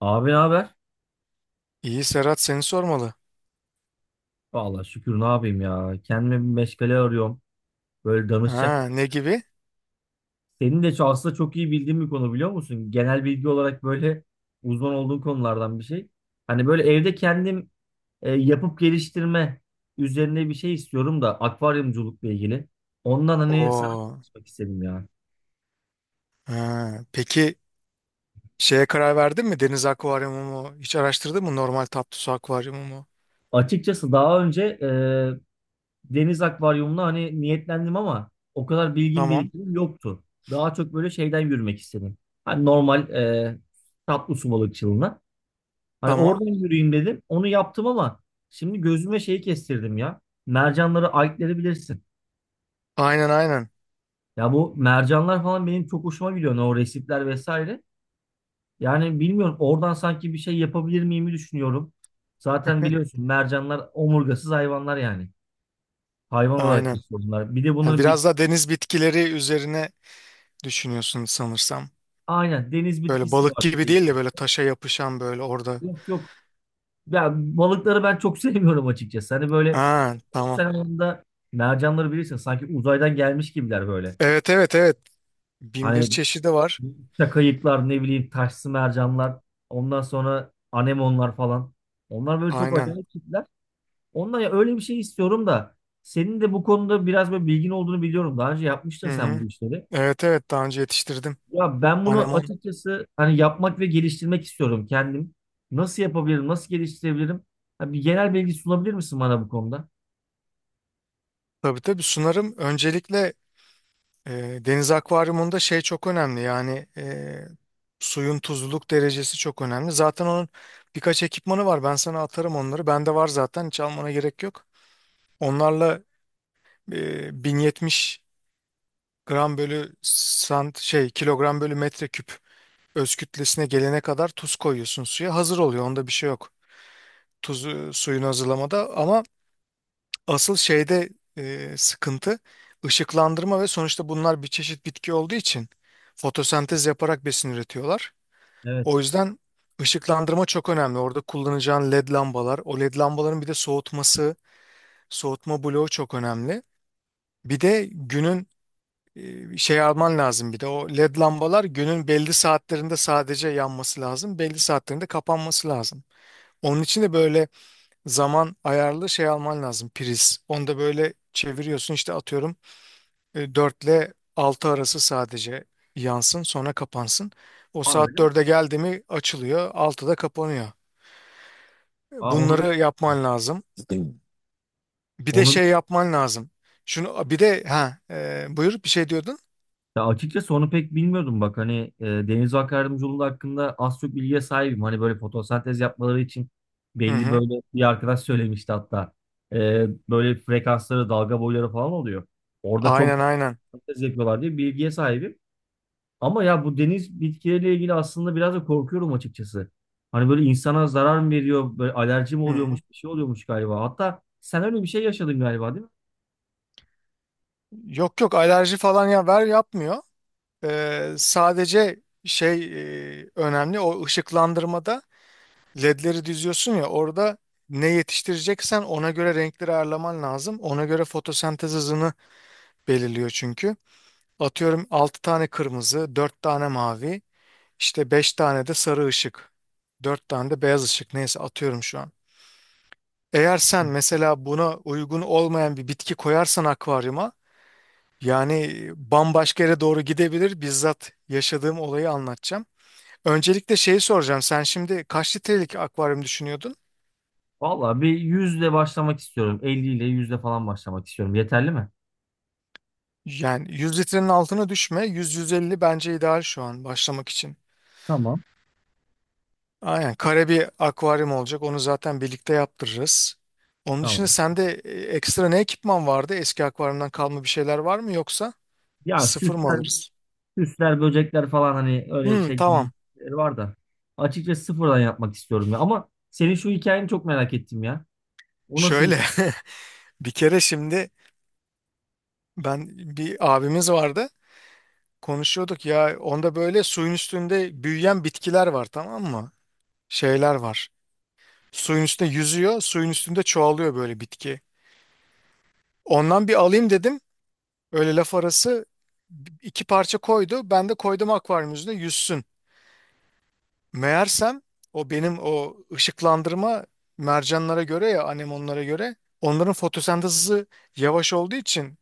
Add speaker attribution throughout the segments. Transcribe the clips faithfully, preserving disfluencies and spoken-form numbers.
Speaker 1: Abi ne haber?
Speaker 2: İyi Serhat seni sormalı.
Speaker 1: Vallahi şükür ne yapayım ya. Kendime bir meşgale arıyorum. Böyle danışacak.
Speaker 2: Ha, ne gibi?
Speaker 1: Senin de çok- aslında çok iyi bildiğin bir konu biliyor musun? Genel bilgi olarak böyle uzman olduğun konulardan bir şey. Hani böyle evde kendim e, yapıp geliştirme üzerine bir şey istiyorum da akvaryumculukla ilgili. Ondan hani sana
Speaker 2: Oo.
Speaker 1: konuşmak istedim ya.
Speaker 2: Ha, peki şeye karar verdin mi? Deniz akvaryumu mu? Hiç araştırdın mı? Normal tatlı su akvaryumu mu?
Speaker 1: Açıkçası daha önce e, deniz akvaryumuna hani niyetlendim ama o kadar bilgim
Speaker 2: Tamam.
Speaker 1: birikimim yoktu. Daha çok böyle şeyden yürümek istedim. Hani normal e, tatlı su balıkçılığına. Hani
Speaker 2: Tamam.
Speaker 1: oradan yürüyeyim dedim. Onu yaptım ama şimdi gözüme şeyi kestirdim ya. Mercanları, ayıkları bilirsin.
Speaker 2: Aynen aynen.
Speaker 1: Ya bu mercanlar falan benim çok hoşuma gidiyor. Hani o resipler vesaire. Yani bilmiyorum oradan sanki bir şey yapabilir miyimi düşünüyorum. Zaten biliyorsun mercanlar omurgasız hayvanlar yani. Hayvan olarak
Speaker 2: Aynen.
Speaker 1: geçiyor bunlar. Bir de
Speaker 2: Ha,
Speaker 1: bunların
Speaker 2: biraz
Speaker 1: bitki
Speaker 2: da deniz bitkileri üzerine düşünüyorsun sanırsam.
Speaker 1: aynen deniz
Speaker 2: Böyle
Speaker 1: bitkisi
Speaker 2: balık
Speaker 1: var.
Speaker 2: gibi değil de böyle taşa yapışan böyle orada.
Speaker 1: Yok, yok. Ya balıkları ben çok sevmiyorum açıkçası. Hani böyle
Speaker 2: Ha, tamam.
Speaker 1: sen anında mercanları bilirsin sanki uzaydan gelmiş gibiler böyle.
Speaker 2: Evet evet evet. Bin bir
Speaker 1: Hani
Speaker 2: çeşidi var.
Speaker 1: çakayıklar ne bileyim taşsı mercanlar ondan sonra anemonlar falan. Onlar böyle çok
Speaker 2: Aynen.
Speaker 1: acayip tipler. Ondan ya öyle bir şey istiyorum da senin de bu konuda biraz böyle bilgin olduğunu biliyorum. Daha önce yapmıştın
Speaker 2: Hı
Speaker 1: sen
Speaker 2: hı.
Speaker 1: bu işleri.
Speaker 2: Evet evet daha önce yetiştirdim.
Speaker 1: Ya ben bunu
Speaker 2: Anemon.
Speaker 1: açıkçası hani yapmak ve geliştirmek istiyorum kendim. Nasıl yapabilirim? Nasıl geliştirebilirim? Ha, bir genel bilgi sunabilir misin bana bu konuda?
Speaker 2: Tabii tabii sunarım. Öncelikle E, deniz akvaryumunda şey çok önemli, yani e, suyun tuzluluk derecesi çok önemli. Zaten onun birkaç ekipmanı var, ben sana atarım onları. Bende var zaten, hiç almana gerek yok. Onlarla e, bin yetmiş gram bölü sant şey kilogram bölü metreküp öz kütlesine gelene kadar tuz koyuyorsun, suya hazır oluyor, onda bir şey yok. Tuzu suyun hazırlamada ama asıl şeyde, e, sıkıntı ışıklandırma ve sonuçta bunlar bir çeşit bitki olduğu için fotosentez yaparak besin üretiyorlar.
Speaker 1: Evet.
Speaker 2: O yüzden ışıklandırma çok önemli. Orada kullanacağın LED lambalar, o LED lambaların bir de soğutması, soğutma bloğu çok önemli. Bir de günün e, şey alman lazım, bir de o LED lambalar günün belli saatlerinde sadece yanması lazım, belli saatlerinde kapanması lazım. Onun için de böyle zaman ayarlı şey alman lazım, priz. Onu da böyle çeviriyorsun işte, atıyorum e, dört ile altı arası sadece yansın, sonra kapansın. O
Speaker 1: Aa
Speaker 2: saat
Speaker 1: öyle mi?
Speaker 2: dörde geldi mi açılıyor, altıda kapanıyor.
Speaker 1: Aa onu bil-
Speaker 2: Bunları yapman lazım. Bir de
Speaker 1: onu bil-
Speaker 2: şey yapman lazım. Şunu bir de, ha, e, buyur, bir şey diyordun.
Speaker 1: Ya açıkçası onu pek bilmiyordum bak hani, e, deniz yolu hakkında az çok bilgiye sahibim. Hani böyle fotosentez yapmaları için
Speaker 2: Hı
Speaker 1: belli
Speaker 2: hı.
Speaker 1: böyle bir arkadaş söylemişti hatta. E, böyle frekansları, dalga boyları falan oluyor. Orada çok
Speaker 2: Aynen aynen.
Speaker 1: fotosentez yapıyorlar diye bilgiye sahibim. Ama ya bu deniz bitkileriyle ilgili aslında biraz da korkuyorum açıkçası. Hani böyle insana zarar mı veriyor, böyle alerji mi
Speaker 2: Hı
Speaker 1: oluyormuş,
Speaker 2: hı.
Speaker 1: bir şey oluyormuş galiba. Hatta sen öyle bir şey yaşadın galiba, değil mi?
Speaker 2: Yok yok, alerji falan ya ver yapmıyor. E, sadece şey, e, önemli o ışıklandırmada ledleri düzüyorsun ya, orada ne yetiştireceksen ona göre renkleri ayarlaman lazım. Ona göre fotosentez hızını belirliyor çünkü. Atıyorum altı tane kırmızı, dört tane mavi, işte beş tane de sarı ışık, dört tane de beyaz ışık, neyse atıyorum şu an. Eğer sen mesela buna uygun olmayan bir bitki koyarsan akvaryuma, yani bambaşka yere doğru gidebilir. Bizzat yaşadığım olayı anlatacağım. Öncelikle şeyi soracağım. Sen şimdi kaç litrelik akvaryum düşünüyordun?
Speaker 1: Vallahi bir yüzle başlamak istiyorum. elli ile yüzle falan başlamak istiyorum. Yeterli mi?
Speaker 2: Yani yüz litrenin altına düşme. yüz yüz elli bence ideal şu an başlamak için.
Speaker 1: Tamam.
Speaker 2: Aynen, kare bir akvaryum olacak. Onu zaten birlikte yaptırırız. Onun dışında
Speaker 1: Tamam.
Speaker 2: sende e, ekstra ne ekipman vardı? Eski akvaryumdan kalma bir şeyler var mı, yoksa
Speaker 1: Ya
Speaker 2: sıfır mı
Speaker 1: süsler,
Speaker 2: alırız?
Speaker 1: süsler, böcekler falan hani öyle
Speaker 2: Hmm,
Speaker 1: şey
Speaker 2: tamam.
Speaker 1: var da. Açıkçası sıfırdan yapmak istiyorum ya. Ama senin şu hikayeni çok merak ettim ya. O nasıl
Speaker 2: Şöyle
Speaker 1: bir...
Speaker 2: bir kere, şimdi ben, bir abimiz vardı. Konuşuyorduk ya, onda böyle suyun üstünde büyüyen bitkiler var, tamam mı? Şeyler var. Suyun üstünde yüzüyor, suyun üstünde çoğalıyor böyle bitki. Ondan bir alayım dedim. Öyle laf arası iki parça koydu. Ben de koydum akvaryum yüzüne yüzsün. Meğersem o benim o ışıklandırma mercanlara göre ya anemonlara göre, onların fotosentez hızı yavaş olduğu için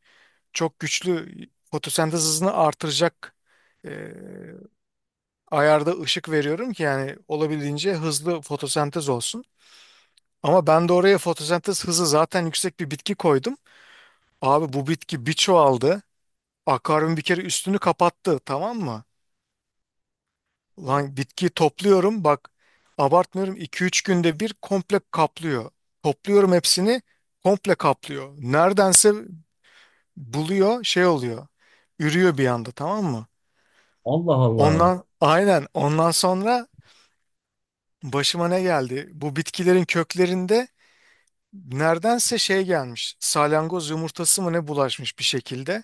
Speaker 2: çok güçlü fotosentez hızını artıracak e, ayarda ışık veriyorum ki yani olabildiğince hızlı fotosentez olsun. Ama ben de oraya fotosentez hızı zaten yüksek bir bitki koydum. Abi bu bitki bir çoğaldı. Akvaryum bir kere üstünü kapattı, tamam mı? Lan bitki topluyorum bak, abartmıyorum, iki üç günde bir komple kaplıyor. Topluyorum hepsini, komple kaplıyor. Neredense buluyor, şey oluyor. Ürüyor bir anda, tamam mı?
Speaker 1: Allah Allah.
Speaker 2: Ondan aynen, ondan sonra başıma ne geldi? Bu bitkilerin köklerinde neredense şey gelmiş. Salyangoz yumurtası mı ne, bulaşmış bir şekilde.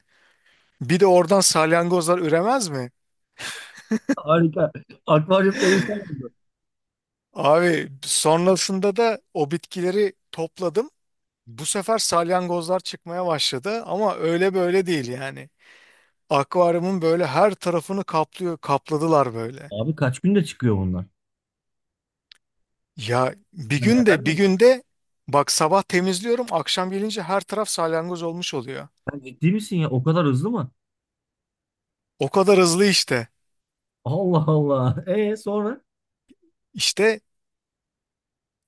Speaker 2: Bir de oradan salyangozlar üremez mi?
Speaker 1: Harika. Akvaryum perişan oldu.
Speaker 2: Abi sonrasında da o bitkileri topladım. Bu sefer salyangozlar çıkmaya başladı ama öyle böyle değil yani. Akvaryumun böyle her tarafını kaplıyor, kapladılar böyle.
Speaker 1: Abi kaç günde çıkıyor bunlar?
Speaker 2: Ya bir
Speaker 1: Hani hemen
Speaker 2: günde bir
Speaker 1: mi?
Speaker 2: günde bak, sabah temizliyorum akşam gelince her taraf salyangoz olmuş oluyor.
Speaker 1: Sen ciddi misin ya? O kadar hızlı mı?
Speaker 2: O kadar hızlı işte.
Speaker 1: Allah Allah. E sonra?
Speaker 2: İşte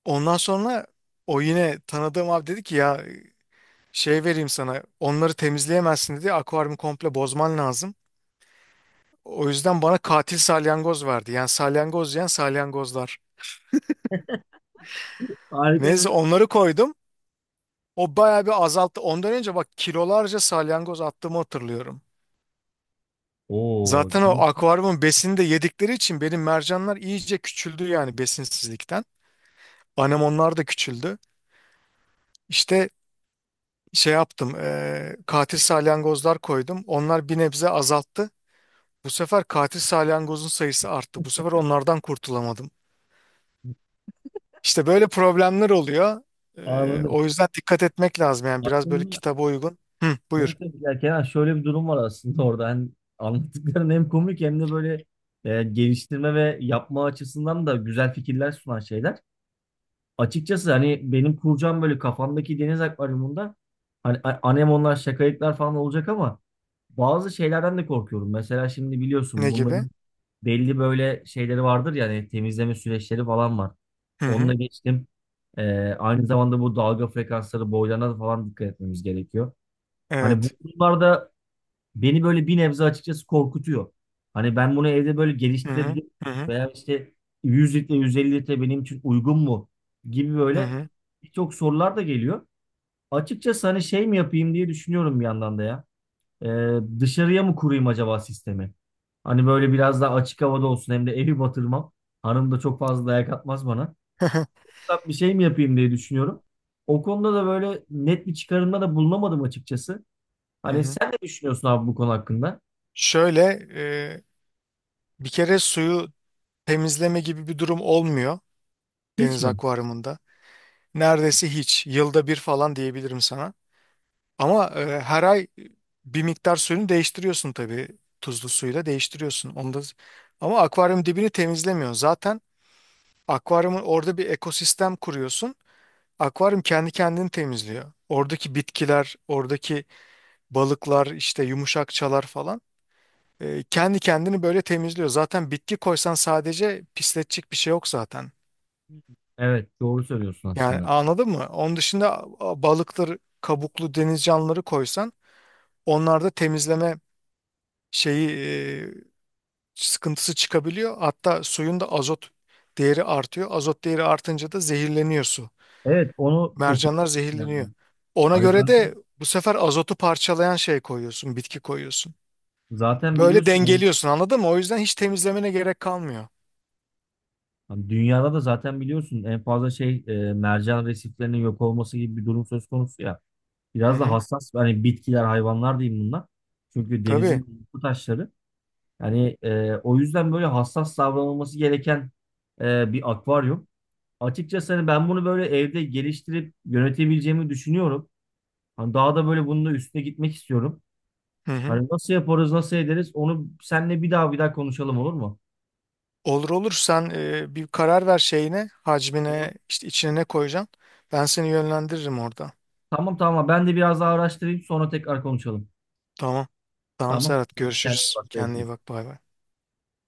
Speaker 2: ondan sonra o yine tanıdığım abi dedi ki, ya şey vereyim sana, onları temizleyemezsin dedi, akvaryumu komple bozman lazım. O yüzden bana katil salyangoz verdi. Yani salyangoz yiyen salyangozlar.
Speaker 1: Harika
Speaker 2: Neyse
Speaker 1: bir...
Speaker 2: onları koydum. O bayağı bir azalttı. Ondan önce bak kilolarca salyangoz attığımı hatırlıyorum.
Speaker 1: Oo,
Speaker 2: Zaten o
Speaker 1: demek ki
Speaker 2: akvaryumun besini de yedikleri için benim mercanlar iyice küçüldü yani besinsizlikten. Anemonlar da küçüldü. İşte şey yaptım, eee, katil salyangozlar koydum. Onlar bir nebze azalttı. Bu sefer katil salyangozun sayısı arttı. Bu sefer onlardan kurtulamadım. İşte böyle problemler oluyor. Eee,
Speaker 1: anladım.
Speaker 2: o yüzden dikkat etmek lazım yani biraz böyle
Speaker 1: Aslında
Speaker 2: kitaba uygun. Hı, buyur.
Speaker 1: evet, evet, ya Kenan, şöyle bir durum var aslında orada. Hani anlattıkların hem komik hem de böyle, e, geliştirme ve yapma açısından da güzel fikirler sunan şeyler. Açıkçası hani benim kuracağım böyle kafamdaki deniz akvaryumunda hani a- anemonlar, şakayıklar falan olacak ama bazı şeylerden de korkuyorum. Mesela şimdi
Speaker 2: Ne
Speaker 1: biliyorsun
Speaker 2: gibi?
Speaker 1: bunların belli böyle şeyleri vardır ya hani, temizleme süreçleri falan var.
Speaker 2: Hı
Speaker 1: Onu da
Speaker 2: hı.
Speaker 1: geçtim. Ee, Aynı zamanda bu dalga frekansları boylarına da falan dikkat etmemiz gerekiyor. Hani bu
Speaker 2: Evet.
Speaker 1: bunlar da beni böyle bir nebze açıkçası korkutuyor. Hani ben bunu evde böyle
Speaker 2: Hı hı.
Speaker 1: geliştirebilir
Speaker 2: Hı hı.
Speaker 1: veya işte yüz litre yüz elli litre benim için uygun mu gibi
Speaker 2: Hı
Speaker 1: böyle
Speaker 2: hı,
Speaker 1: birçok sorular da geliyor. Açıkçası hani şey mi yapayım diye düşünüyorum bir yandan da ya. Ee, dışarıya mı kurayım acaba sistemi? Hani böyle biraz daha açık havada olsun hem de evi batırmam. Hanım da çok fazla dayak atmaz bana.
Speaker 2: hı hı.
Speaker 1: Ufak bir şey mi yapayım diye düşünüyorum. O konuda da böyle net bir çıkarımda da bulunamadım açıkçası. Hani sen ne düşünüyorsun abi bu konu hakkında?
Speaker 2: Şöyle, e, bir kere suyu temizleme gibi bir durum olmuyor
Speaker 1: Hiç
Speaker 2: deniz
Speaker 1: mi?
Speaker 2: akvaryumunda. Neredeyse hiç. Yılda bir falan diyebilirim sana. Ama e, her ay bir miktar suyunu değiştiriyorsun tabii. Tuzlu suyla değiştiriyorsun. Onu da... Ama akvaryum dibini temizlemiyor. Zaten akvaryumun orada bir ekosistem kuruyorsun. Akvaryum kendi kendini temizliyor. Oradaki bitkiler, oradaki balıklar, işte yumuşakçalar falan. E, kendi kendini böyle temizliyor. Zaten bitki koysan sadece pisletecek bir şey yok zaten.
Speaker 1: Evet, doğru söylüyorsun
Speaker 2: Yani
Speaker 1: aslında.
Speaker 2: anladın mı? Onun dışında a- balıktır, kabuklu deniz canlıları koysan onlar da temizleme şeyi, e, sıkıntısı çıkabiliyor. Hatta suyun da azot değeri artıyor. Azot değeri artınca da zehirleniyor su.
Speaker 1: Evet, onu okumuştum
Speaker 2: Mercanlar zehirleniyor.
Speaker 1: yani.
Speaker 2: Ona
Speaker 1: Hani
Speaker 2: göre
Speaker 1: zaten,
Speaker 2: de bu sefer azotu parçalayan şey koyuyorsun, bitki koyuyorsun.
Speaker 1: zaten
Speaker 2: Böyle
Speaker 1: biliyorsun hani,
Speaker 2: dengeliyorsun, anladın mı? O yüzden hiç temizlemene gerek kalmıyor.
Speaker 1: Hani dünyada da zaten biliyorsun en fazla şey, e, mercan resiflerinin yok olması gibi bir durum söz konusu ya.
Speaker 2: Hı
Speaker 1: Biraz da
Speaker 2: hı.
Speaker 1: hassas hani bitkiler, hayvanlar diyeyim bunlar. Çünkü
Speaker 2: Tabii.
Speaker 1: denizin bu taşları. Yani e, o yüzden böyle hassas davranılması gereken e, bir akvaryum. Açıkçası hani ben bunu böyle evde geliştirip yönetebileceğimi düşünüyorum. Hani daha da böyle bunun da üstüne gitmek istiyorum.
Speaker 2: Hı hı.
Speaker 1: Hani nasıl yaparız, nasıl ederiz, onu seninle bir daha bir daha konuşalım, olur mu?
Speaker 2: Olur olur, sen e, bir karar ver şeyine, hacmine, işte içine ne koyacaksın. Ben seni yönlendiririm orada.
Speaker 1: Tamam, tamam, ben de biraz daha araştırayım sonra tekrar konuşalım.
Speaker 2: Tamam. Tamam
Speaker 1: Tamam.
Speaker 2: Serhat,
Speaker 1: Kendine iyi
Speaker 2: görüşürüz.
Speaker 1: bak,
Speaker 2: Kendine iyi
Speaker 1: görüşürüz.
Speaker 2: bak, bay bay.